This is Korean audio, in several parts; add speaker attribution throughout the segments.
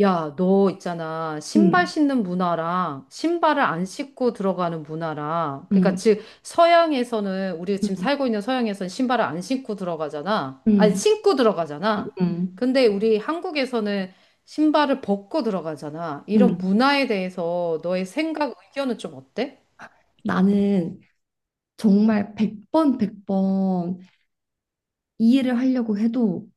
Speaker 1: 야, 너 있잖아. 신발
Speaker 2: 음,
Speaker 1: 신는 문화랑 신발을 안 신고 들어가는 문화랑 그러니까
Speaker 2: 음,
Speaker 1: 즉 서양에서는 우리 지금
Speaker 2: 음,
Speaker 1: 살고 있는 서양에서는 신발을 안 신고 들어가잖아. 아니
Speaker 2: 음, 음,
Speaker 1: 신고
Speaker 2: 음.
Speaker 1: 들어가잖아.
Speaker 2: 음,
Speaker 1: 근데 우리 한국에서는 신발을 벗고 들어가잖아.
Speaker 2: 음,
Speaker 1: 이런
Speaker 2: 음.
Speaker 1: 문화에 대해서 너의 생각, 의견은 좀 어때?
Speaker 2: 나는 정말 백번 백번 이해를 하려고 해도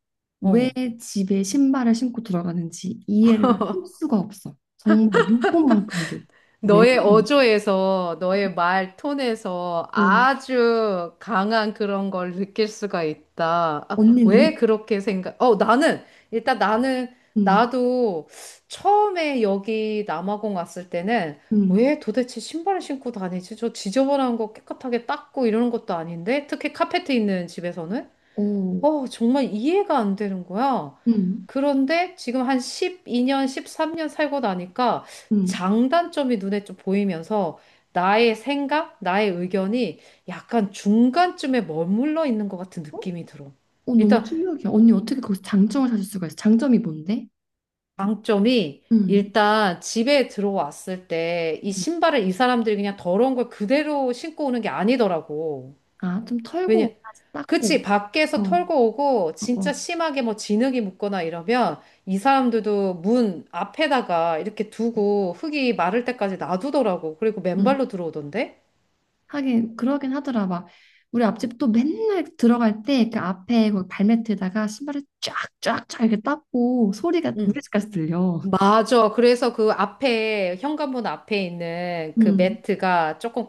Speaker 2: 왜
Speaker 1: 어.
Speaker 2: 집에 신발을 신고 들어가는지 이해를 할 수가 없어. 정말 눈꽃만큼도. 왜
Speaker 1: 너의
Speaker 2: 그러니?
Speaker 1: 어조에서, 너의 말 톤에서
Speaker 2: 어,
Speaker 1: 아주 강한 그런 걸 느낄 수가 있다. 아,
Speaker 2: 언니는?
Speaker 1: 왜 그렇게 생각? 어, 나는, 일단 나는,
Speaker 2: 음,
Speaker 1: 나도 처음에 여기 남아공 왔을 때는
Speaker 2: 음,
Speaker 1: 왜 도대체 신발을 신고 다니지? 저 지저분한 거 깨끗하게 닦고 이러는 것도 아닌데? 특히 카페트 있는 집에서는?
Speaker 2: 어,
Speaker 1: 어, 정말 이해가 안 되는 거야.
Speaker 2: 음,
Speaker 1: 그런데 지금 한 12년, 13년 살고 나니까
Speaker 2: 음.
Speaker 1: 장단점이 눈에 좀 보이면서 나의 생각, 나의 의견이 약간 중간쯤에 머물러 있는 것 같은
Speaker 2: 어?
Speaker 1: 느낌이 들어.
Speaker 2: 어, 너무
Speaker 1: 일단
Speaker 2: 충격이야. 언니 어떻게 거기서 장점을 찾을 수가 있어? 장점이 뭔데?
Speaker 1: 장점이
Speaker 2: 음,
Speaker 1: 일단 집에 들어왔을 때 이
Speaker 2: 음.
Speaker 1: 신발을 이 사람들이 그냥 더러운 걸 그대로 신고 오는 게 아니더라고.
Speaker 2: 아, 좀
Speaker 1: 왜냐,
Speaker 2: 털고, 다시 닦고.
Speaker 1: 그치,
Speaker 2: 어,
Speaker 1: 밖에서 털고
Speaker 2: 어,
Speaker 1: 오고, 진짜
Speaker 2: 어.
Speaker 1: 심하게 뭐 진흙이 묻거나 이러면, 이 사람들도 문 앞에다가 이렇게 두고, 흙이 마를 때까지 놔두더라고. 그리고 맨발로 들어오던데?
Speaker 2: 하긴 그러긴 하더라. 막 우리 앞집도 맨날 들어갈 때 그 앞에 거기 발매트에다가 신발을 쫙쫙쫙 이렇게 닦고 소리가 우리
Speaker 1: 응.
Speaker 2: 집까지 들려.
Speaker 1: 맞아. 그래서 그 앞에, 현관문 앞에 있는 그
Speaker 2: 음,
Speaker 1: 매트가 조금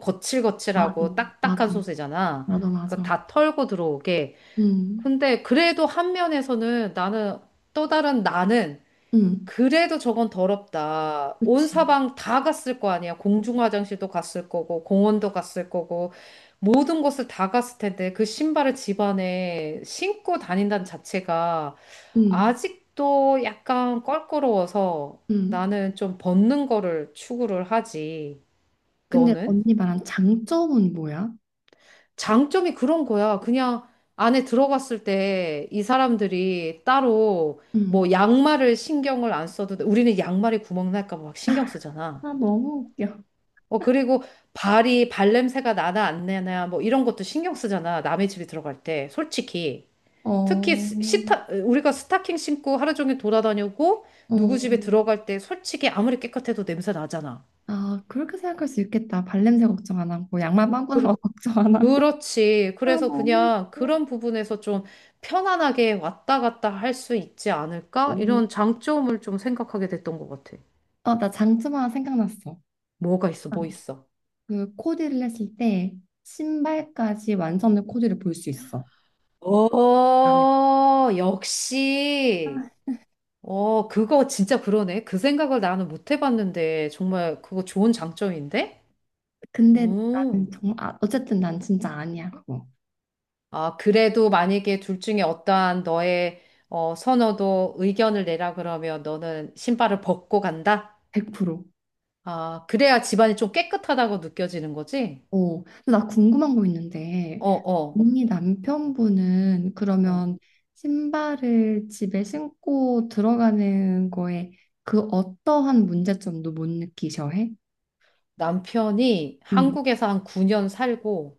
Speaker 2: 맞아,
Speaker 1: 거칠거칠하고
Speaker 2: 맞아,
Speaker 1: 딱딱한 소재잖아.
Speaker 2: 맞아,
Speaker 1: 그거
Speaker 2: 맞아.
Speaker 1: 다 털고 들어오게.
Speaker 2: 음,
Speaker 1: 근데 그래도 한 면에서는 나는, 또 다른 나는,
Speaker 2: 음,
Speaker 1: 그래도 저건 더럽다. 온
Speaker 2: 그치.
Speaker 1: 사방 다 갔을 거 아니야. 공중 화장실도 갔을 거고, 공원도 갔을 거고, 모든 곳을 다 갔을 텐데, 그 신발을 집안에 신고 다닌다는 자체가
Speaker 2: 음,
Speaker 1: 아직도 약간 껄끄러워서
Speaker 2: 음.
Speaker 1: 나는 좀 벗는 거를 추구를 하지.
Speaker 2: 근데
Speaker 1: 너는?
Speaker 2: 언니 말한 장점은 뭐야?
Speaker 1: 장점이 그런 거야. 그냥 안에 들어갔을 때 이 사람들이 따로 뭐
Speaker 2: 음.
Speaker 1: 양말을 신경을 안 써도 돼. 우리는 양말에 구멍 날까 봐 막 신경 쓰잖아.
Speaker 2: 아, 너무 웃겨.
Speaker 1: 어, 그리고 발이 발냄새가 나나 안 나나 뭐 이런 것도 신경 쓰잖아. 남의 집에 들어갈 때. 솔직히.
Speaker 2: 어,
Speaker 1: 특히
Speaker 2: 어.
Speaker 1: 우리가 스타킹 신고 하루 종일 돌아다니고 누구 집에 들어갈 때 솔직히 아무리 깨끗해도 냄새 나잖아.
Speaker 2: 아, 그렇게 생각할 수 있겠다. 발냄새 걱정 안 하고, 양말 빵꾸난 거
Speaker 1: 그,
Speaker 2: 걱정 안 하고.
Speaker 1: 그렇지.
Speaker 2: 아,
Speaker 1: 그래서
Speaker 2: 너무
Speaker 1: 그냥
Speaker 2: 웃겨.
Speaker 1: 그런 부분에서 좀 편안하게 왔다 갔다 할 수 있지 않을까? 이런 장점을 좀 생각하게 됐던 것 같아.
Speaker 2: 어, 나 장점 하나 생각났어.
Speaker 1: 뭐가 있어?
Speaker 2: 어.
Speaker 1: 뭐 있어?
Speaker 2: 그 코디를 했을 때 신발까지 완성된 코디를 볼 수 있어.
Speaker 1: 어, 역시. 어, 그거 진짜 그러네. 그 생각을 나는 못 해봤는데, 정말 그거 좋은 장점인데?
Speaker 2: 근데 나는
Speaker 1: 음.
Speaker 2: 정말 아, 어쨌든 난 진짜 아니야 그거
Speaker 1: 아, 그래도 만약에 둘 중에 어떠한 너의 어, 선호도 의견을 내라 그러면 너는 신발을 벗고 간다?
Speaker 2: 100%.
Speaker 1: 아, 그래야 집안이 좀 깨끗하다고 느껴지는 거지?
Speaker 2: 어. 근데 나 궁금한 거 있는데
Speaker 1: 어, 어,
Speaker 2: 언니 남편분은
Speaker 1: 어.
Speaker 2: 그러면 신발을 집에 신고 들어가는 거에 그 어떠한 문제점도 못 느끼셔 해?
Speaker 1: 남편이
Speaker 2: 음.
Speaker 1: 한국에서 한 9년 살고,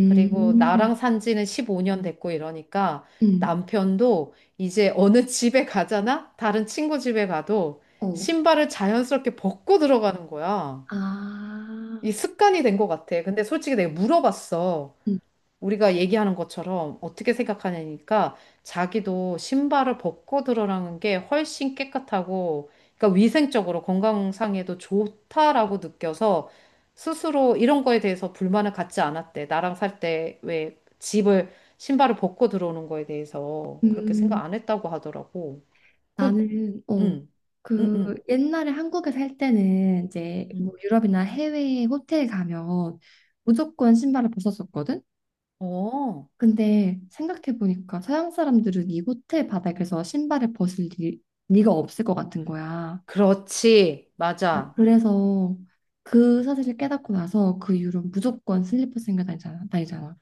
Speaker 1: 그리고 나랑 산 지는 15년 됐고 이러니까
Speaker 2: 음.
Speaker 1: 남편도 이제 어느 집에 가잖아? 다른 친구 집에 가도
Speaker 2: 어.
Speaker 1: 신발을 자연스럽게 벗고 들어가는 거야.
Speaker 2: 아.
Speaker 1: 이 습관이 된 것 같아. 근데 솔직히 내가 물어봤어.
Speaker 2: 음.
Speaker 1: 우리가 얘기하는 것처럼 어떻게 생각하냐니까 자기도 신발을 벗고 들어가는 게 훨씬 깨끗하고 그러니까 위생적으로 건강상에도 좋다라고 느껴서 스스로 이런 거에 대해서 불만을 갖지 않았대. 나랑 살 때 왜 집을 신발을 벗고 들어오는 거에 대해서 그렇게 생각
Speaker 2: 음.
Speaker 1: 안 했다고 하더라고. 그,
Speaker 2: 나는 어,
Speaker 1: 응, 응,
Speaker 2: 그
Speaker 1: 응,
Speaker 2: 옛날에 한국에 살 때는 이제
Speaker 1: 응.
Speaker 2: 뭐 유럽이나 해외 호텔 가면 무조건 신발을 벗었었거든.
Speaker 1: 어,
Speaker 2: 근데 생각해 보니까 서양 사람들은 이 호텔 바닥에서 신발을 벗을 리, 가 없을 것 같은 거야.
Speaker 1: 그렇지. 맞아.
Speaker 2: 그래서 그 사실을 깨닫고 나서 그 이후로 무조건 슬리퍼 신고 다니잖아.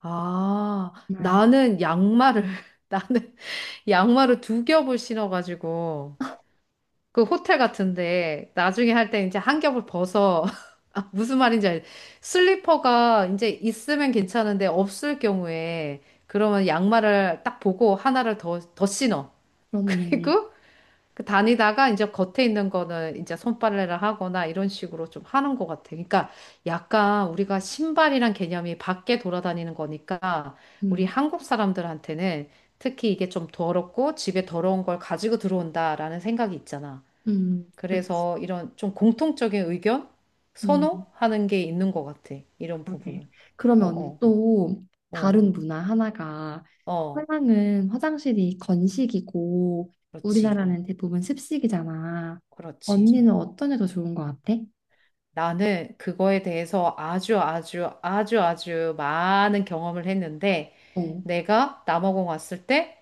Speaker 1: 아,
Speaker 2: 정말
Speaker 1: 나는 양말을, 나는 양말을 두 겹을 신어가지고, 그 호텔 같은데, 나중에 할 때 이제 한 겹을 벗어. 아, 무슨 말인지 알. 슬리퍼가 이제 있으면 괜찮은데, 없을 경우에, 그러면 양말을 딱 보고 하나를 더, 신어.
Speaker 2: 그렇네.
Speaker 1: 그리고 그 다니다가 이제 겉에 있는 거는 이제 손빨래를 하거나 이런 식으로 좀 하는 것 같아. 그러니까 약간 우리가 신발이란 개념이 밖에 돌아다니는 거니까 우리
Speaker 2: 음,
Speaker 1: 한국 사람들한테는 특히 이게 좀 더럽고 집에 더러운 걸 가지고 들어온다라는 생각이 있잖아.
Speaker 2: 그렇지.
Speaker 1: 그래서 이런 좀 공통적인 의견?
Speaker 2: 음.
Speaker 1: 선호하는 게 있는 것 같아. 이런
Speaker 2: 그러게.
Speaker 1: 부분은.
Speaker 2: 그러면
Speaker 1: 어,
Speaker 2: 언니
Speaker 1: 어,
Speaker 2: 또
Speaker 1: 어,
Speaker 2: 다른 문화 하나가
Speaker 1: 어.
Speaker 2: 서양은 화장실이 건식이고
Speaker 1: 그렇지.
Speaker 2: 우리나라는 대부분 습식이잖아.
Speaker 1: 그렇지.
Speaker 2: 언니는 어떤 게 더 좋은 것 같아?
Speaker 1: 나는 그거에 대해서 아주 아주 아주 아주 많은 경험을 했는데
Speaker 2: 어,
Speaker 1: 내가 남아공 왔을 때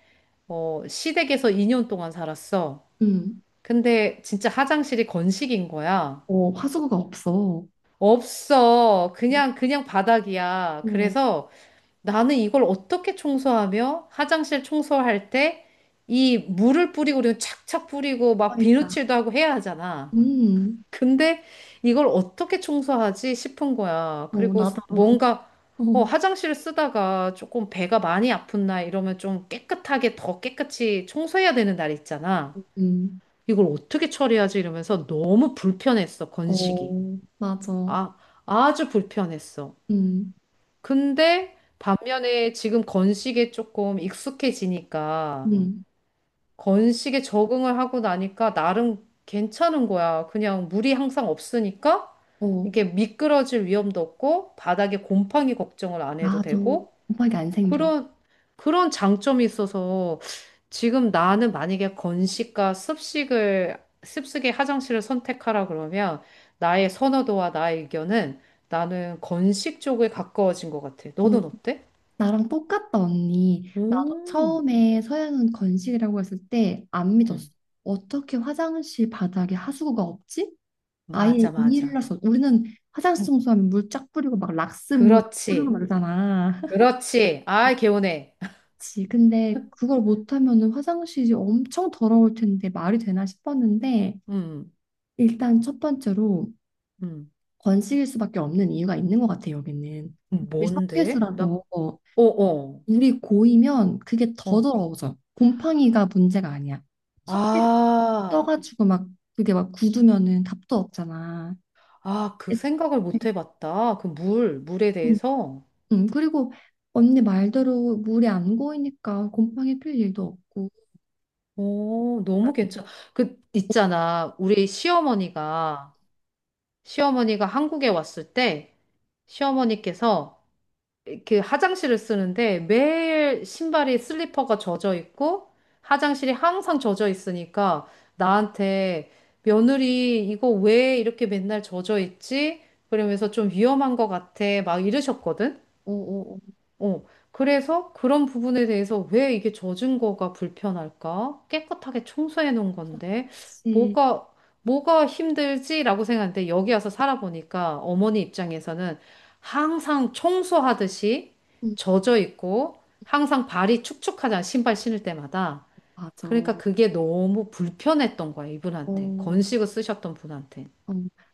Speaker 1: 어, 시댁에서 2년 동안 살았어.
Speaker 2: 음,
Speaker 1: 근데 진짜 화장실이 건식인 거야.
Speaker 2: 어, 화수구가 없어.
Speaker 1: 없어. 그냥, 그냥 바닥이야.
Speaker 2: 어,
Speaker 1: 그래서 나는 이걸 어떻게 청소하며 화장실 청소할 때 이 물을 뿌리고 그리고 착착 뿌리고 막
Speaker 2: 그러니까.
Speaker 1: 비누칠도 하고 해야 하잖아.
Speaker 2: 음,
Speaker 1: 근데 이걸 어떻게 청소하지 싶은 거야.
Speaker 2: 어,
Speaker 1: 그리고
Speaker 2: 나도.
Speaker 1: 뭔가
Speaker 2: 어,
Speaker 1: 어, 화장실을 쓰다가 조금 배가 많이 아픈 날 이러면 좀 깨끗하게 더 깨끗이 청소해야 되는 날 있잖아.
Speaker 2: 음,
Speaker 1: 이걸 어떻게 처리하지 이러면서 너무 불편했어, 건식이.
Speaker 2: 어, 맞아.
Speaker 1: 아, 아주 불편했어.
Speaker 2: 음,
Speaker 1: 근데 반면에 지금 건식에 조금 익숙해지니까
Speaker 2: 음,
Speaker 1: 건식에 적응을 하고 나니까 나름 괜찮은 거야. 그냥 물이 항상 없으니까
Speaker 2: 어,
Speaker 1: 이게 미끄러질 위험도 없고 바닥에 곰팡이 걱정을 안 해도
Speaker 2: 나도
Speaker 1: 되고
Speaker 2: 곰팡이 안 생겨.
Speaker 1: 그런 그런 장점이 있어서 지금 나는 만약에 건식과 습식을 습식의 화장실을 선택하라 그러면 나의 선호도와 나의 의견은 나는 건식 쪽에 가까워진 것 같아.
Speaker 2: 어.
Speaker 1: 너는 어때?
Speaker 2: 나랑 똑같다, 언니. 나도
Speaker 1: 음,
Speaker 2: 처음에 서연은 건식이라고 했을 때 안 믿었어.
Speaker 1: 음,
Speaker 2: 어떻게 화장실 바닥에 하수구가 없지? 아예 이
Speaker 1: 맞아,
Speaker 2: 일을
Speaker 1: 맞아.
Speaker 2: 어 우리는 화장실 청소하면 물 쫙 뿌리고 막 락스 물막 뿌리고
Speaker 1: 그렇지.
Speaker 2: 말잖아.
Speaker 1: 그렇지. 아, 개운해.
Speaker 2: 그치. 근데 그걸 못하면은 화장실이 엄청 더러울 텐데 말이 되나 싶었는데
Speaker 1: 음,
Speaker 2: 일단 첫 번째로
Speaker 1: 음.
Speaker 2: 건식일 수밖에 없는 이유가 있는 것 같아, 여기는. 우리
Speaker 1: 뭔데? 나,
Speaker 2: 석회수라서.
Speaker 1: 어, 어,
Speaker 2: 물이 고이면 그게 더
Speaker 1: 어.
Speaker 2: 더러워져. 곰팡이가 문제가 아니야. 석쇠가
Speaker 1: 아,
Speaker 2: 껴가지고 막 그게 막 굳으면은 답도 없잖아.
Speaker 1: 아, 그
Speaker 2: 애초에.
Speaker 1: 생각을 못 해봤다. 그 물, 물에
Speaker 2: 음,
Speaker 1: 대해서.
Speaker 2: 그리고 언니 말대로 물이 안 고이니까 곰팡이 필 일도 없고.
Speaker 1: 오, 너무 괜찮아. 그, 있잖아. 우리 시어머니가 한국에 왔을 때, 시어머니께서 이렇게 화장실을 쓰는데 매일 신발이 슬리퍼가 젖어 있고 화장실이 항상 젖어 있으니까 나한테 며느리 이거 왜 이렇게 맨날 젖어 있지? 그러면서 좀 위험한 것 같아 막 이러셨거든.
Speaker 2: 어어어.
Speaker 1: 어, 그래서 그런 부분에 대해서 왜 이게 젖은 거가 불편할까? 깨끗하게 청소해 놓은 건데,
Speaker 2: 그치.
Speaker 1: 뭐가, 뭐가 힘들지라고 생각하는데, 여기 와서 살아보니까 어머니 입장에서는 항상 청소하듯이
Speaker 2: 음,
Speaker 1: 젖어 있고, 항상 발이 축축하잖아, 신발 신을 때마다.
Speaker 2: 맞아.
Speaker 1: 그러니까
Speaker 2: 어,
Speaker 1: 그게 너무 불편했던 거야, 이분한테.
Speaker 2: 어.
Speaker 1: 건식을 쓰셨던 분한테.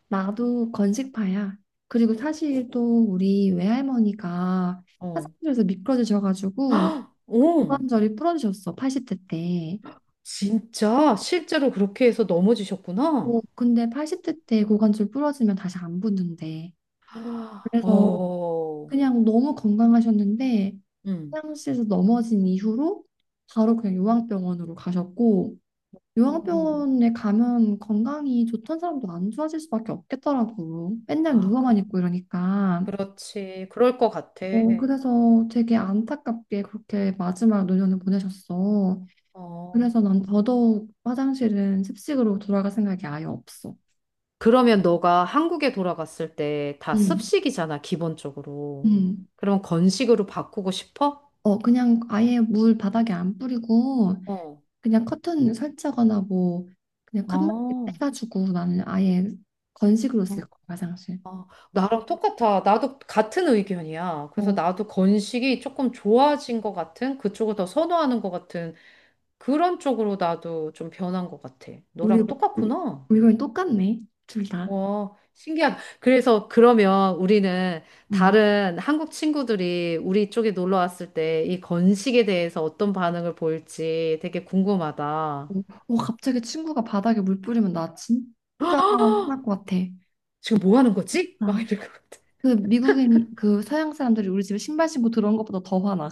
Speaker 2: 나도 건식파야. 그리고 사실 또 우리 외할머니가
Speaker 1: 어,
Speaker 2: 화장실에서 미끄러지셔가지고
Speaker 1: 어,
Speaker 2: 고관절이 부러지셨어. 80대 때.
Speaker 1: 진짜 실제로 그렇게 해서 넘어지셨구나.
Speaker 2: 어, 근데 80대 때 고관절 부러지면 다시 안 붙는데.
Speaker 1: 아,
Speaker 2: 그래서
Speaker 1: 어,
Speaker 2: 그냥 너무 건강하셨는데
Speaker 1: 음.
Speaker 2: 화장실에서 넘어진 이후로 바로 그냥 요양병원으로 가셨고
Speaker 1: 음,
Speaker 2: 요양병원에 가면 건강이 좋던 사람도 안 좋아질 수밖에 없겠더라고. 맨날
Speaker 1: 아, 그,
Speaker 2: 누워만 있고 이러니까.
Speaker 1: 그렇지. 그럴 것 같아.
Speaker 2: 어, 그래서 되게 안타깝게 그렇게 마지막 노년을 보내셨어.
Speaker 1: 어.
Speaker 2: 그래서 난 더더욱 화장실은 습식으로 돌아갈 생각이 아예 없어.
Speaker 1: 그러면 너가 한국에 돌아갔을 때 다
Speaker 2: 응,
Speaker 1: 습식이잖아, 기본적으로.
Speaker 2: 응.
Speaker 1: 그럼 건식으로 바꾸고 싶어?
Speaker 2: 어, 그냥 아예 물 바닥에 안 뿌리고
Speaker 1: 어.
Speaker 2: 그냥 커튼 설치거나 뭐 그냥 칸막이
Speaker 1: 어.
Speaker 2: 떼가지고 나는 아예 건식으로
Speaker 1: 어.
Speaker 2: 쓸 거야, 화장실.
Speaker 1: 어. 나랑 똑같아. 나도 같은 의견이야. 그래서
Speaker 2: 어,
Speaker 1: 나도 건식이 조금 좋아진 것 같은, 그쪽을 더 선호하는 것 같은 그런 쪽으로 나도 좀 변한 것 같아.
Speaker 2: 우리
Speaker 1: 너랑 똑같구나.
Speaker 2: 우리 의견이 똑같네, 둘 다.
Speaker 1: 어, 신기하다. 그래서 그러면 우리는
Speaker 2: 음.
Speaker 1: 다른 한국 친구들이 우리 쪽에 놀러 왔을 때 이 건식에 대해서 어떤 반응을 보일지 되게 궁금하다.
Speaker 2: 어, 어, 갑자기 친구가 바닥에 물 뿌리면 나 진짜 화날 것 같아.
Speaker 1: 지금 뭐 하는 거지? 막
Speaker 2: 아,
Speaker 1: 이럴 것 같아.
Speaker 2: 그 미국인 그 서양 사람들이 우리 집에 신발 신고 들어온 것보다 더 화나.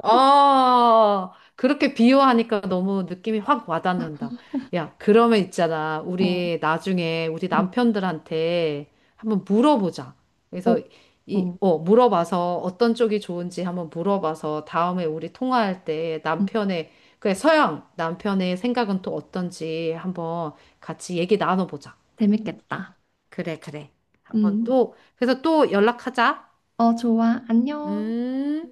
Speaker 1: 아, 그렇게 비유하니까 너무 느낌이 확 와닿는다. 야, 그러면 있잖아.
Speaker 2: 어,
Speaker 1: 우리 나중에 우리
Speaker 2: 응.
Speaker 1: 남편들한테 한번 물어보자.
Speaker 2: 어,
Speaker 1: 그래서 이,
Speaker 2: 어,
Speaker 1: 어, 물어봐서 어떤 쪽이 좋은지 한번 물어봐서 다음에 우리 통화할 때
Speaker 2: 음,
Speaker 1: 남편의, 그래, 서양 남편의 생각은 또 어떤지 한번 같이 얘기 나눠보자.
Speaker 2: 재밌겠다.
Speaker 1: 그래, 그래. 한번
Speaker 2: 음,
Speaker 1: 또, 그래서 또 연락하자.
Speaker 2: 어, 좋아, 안녕.
Speaker 1: 음.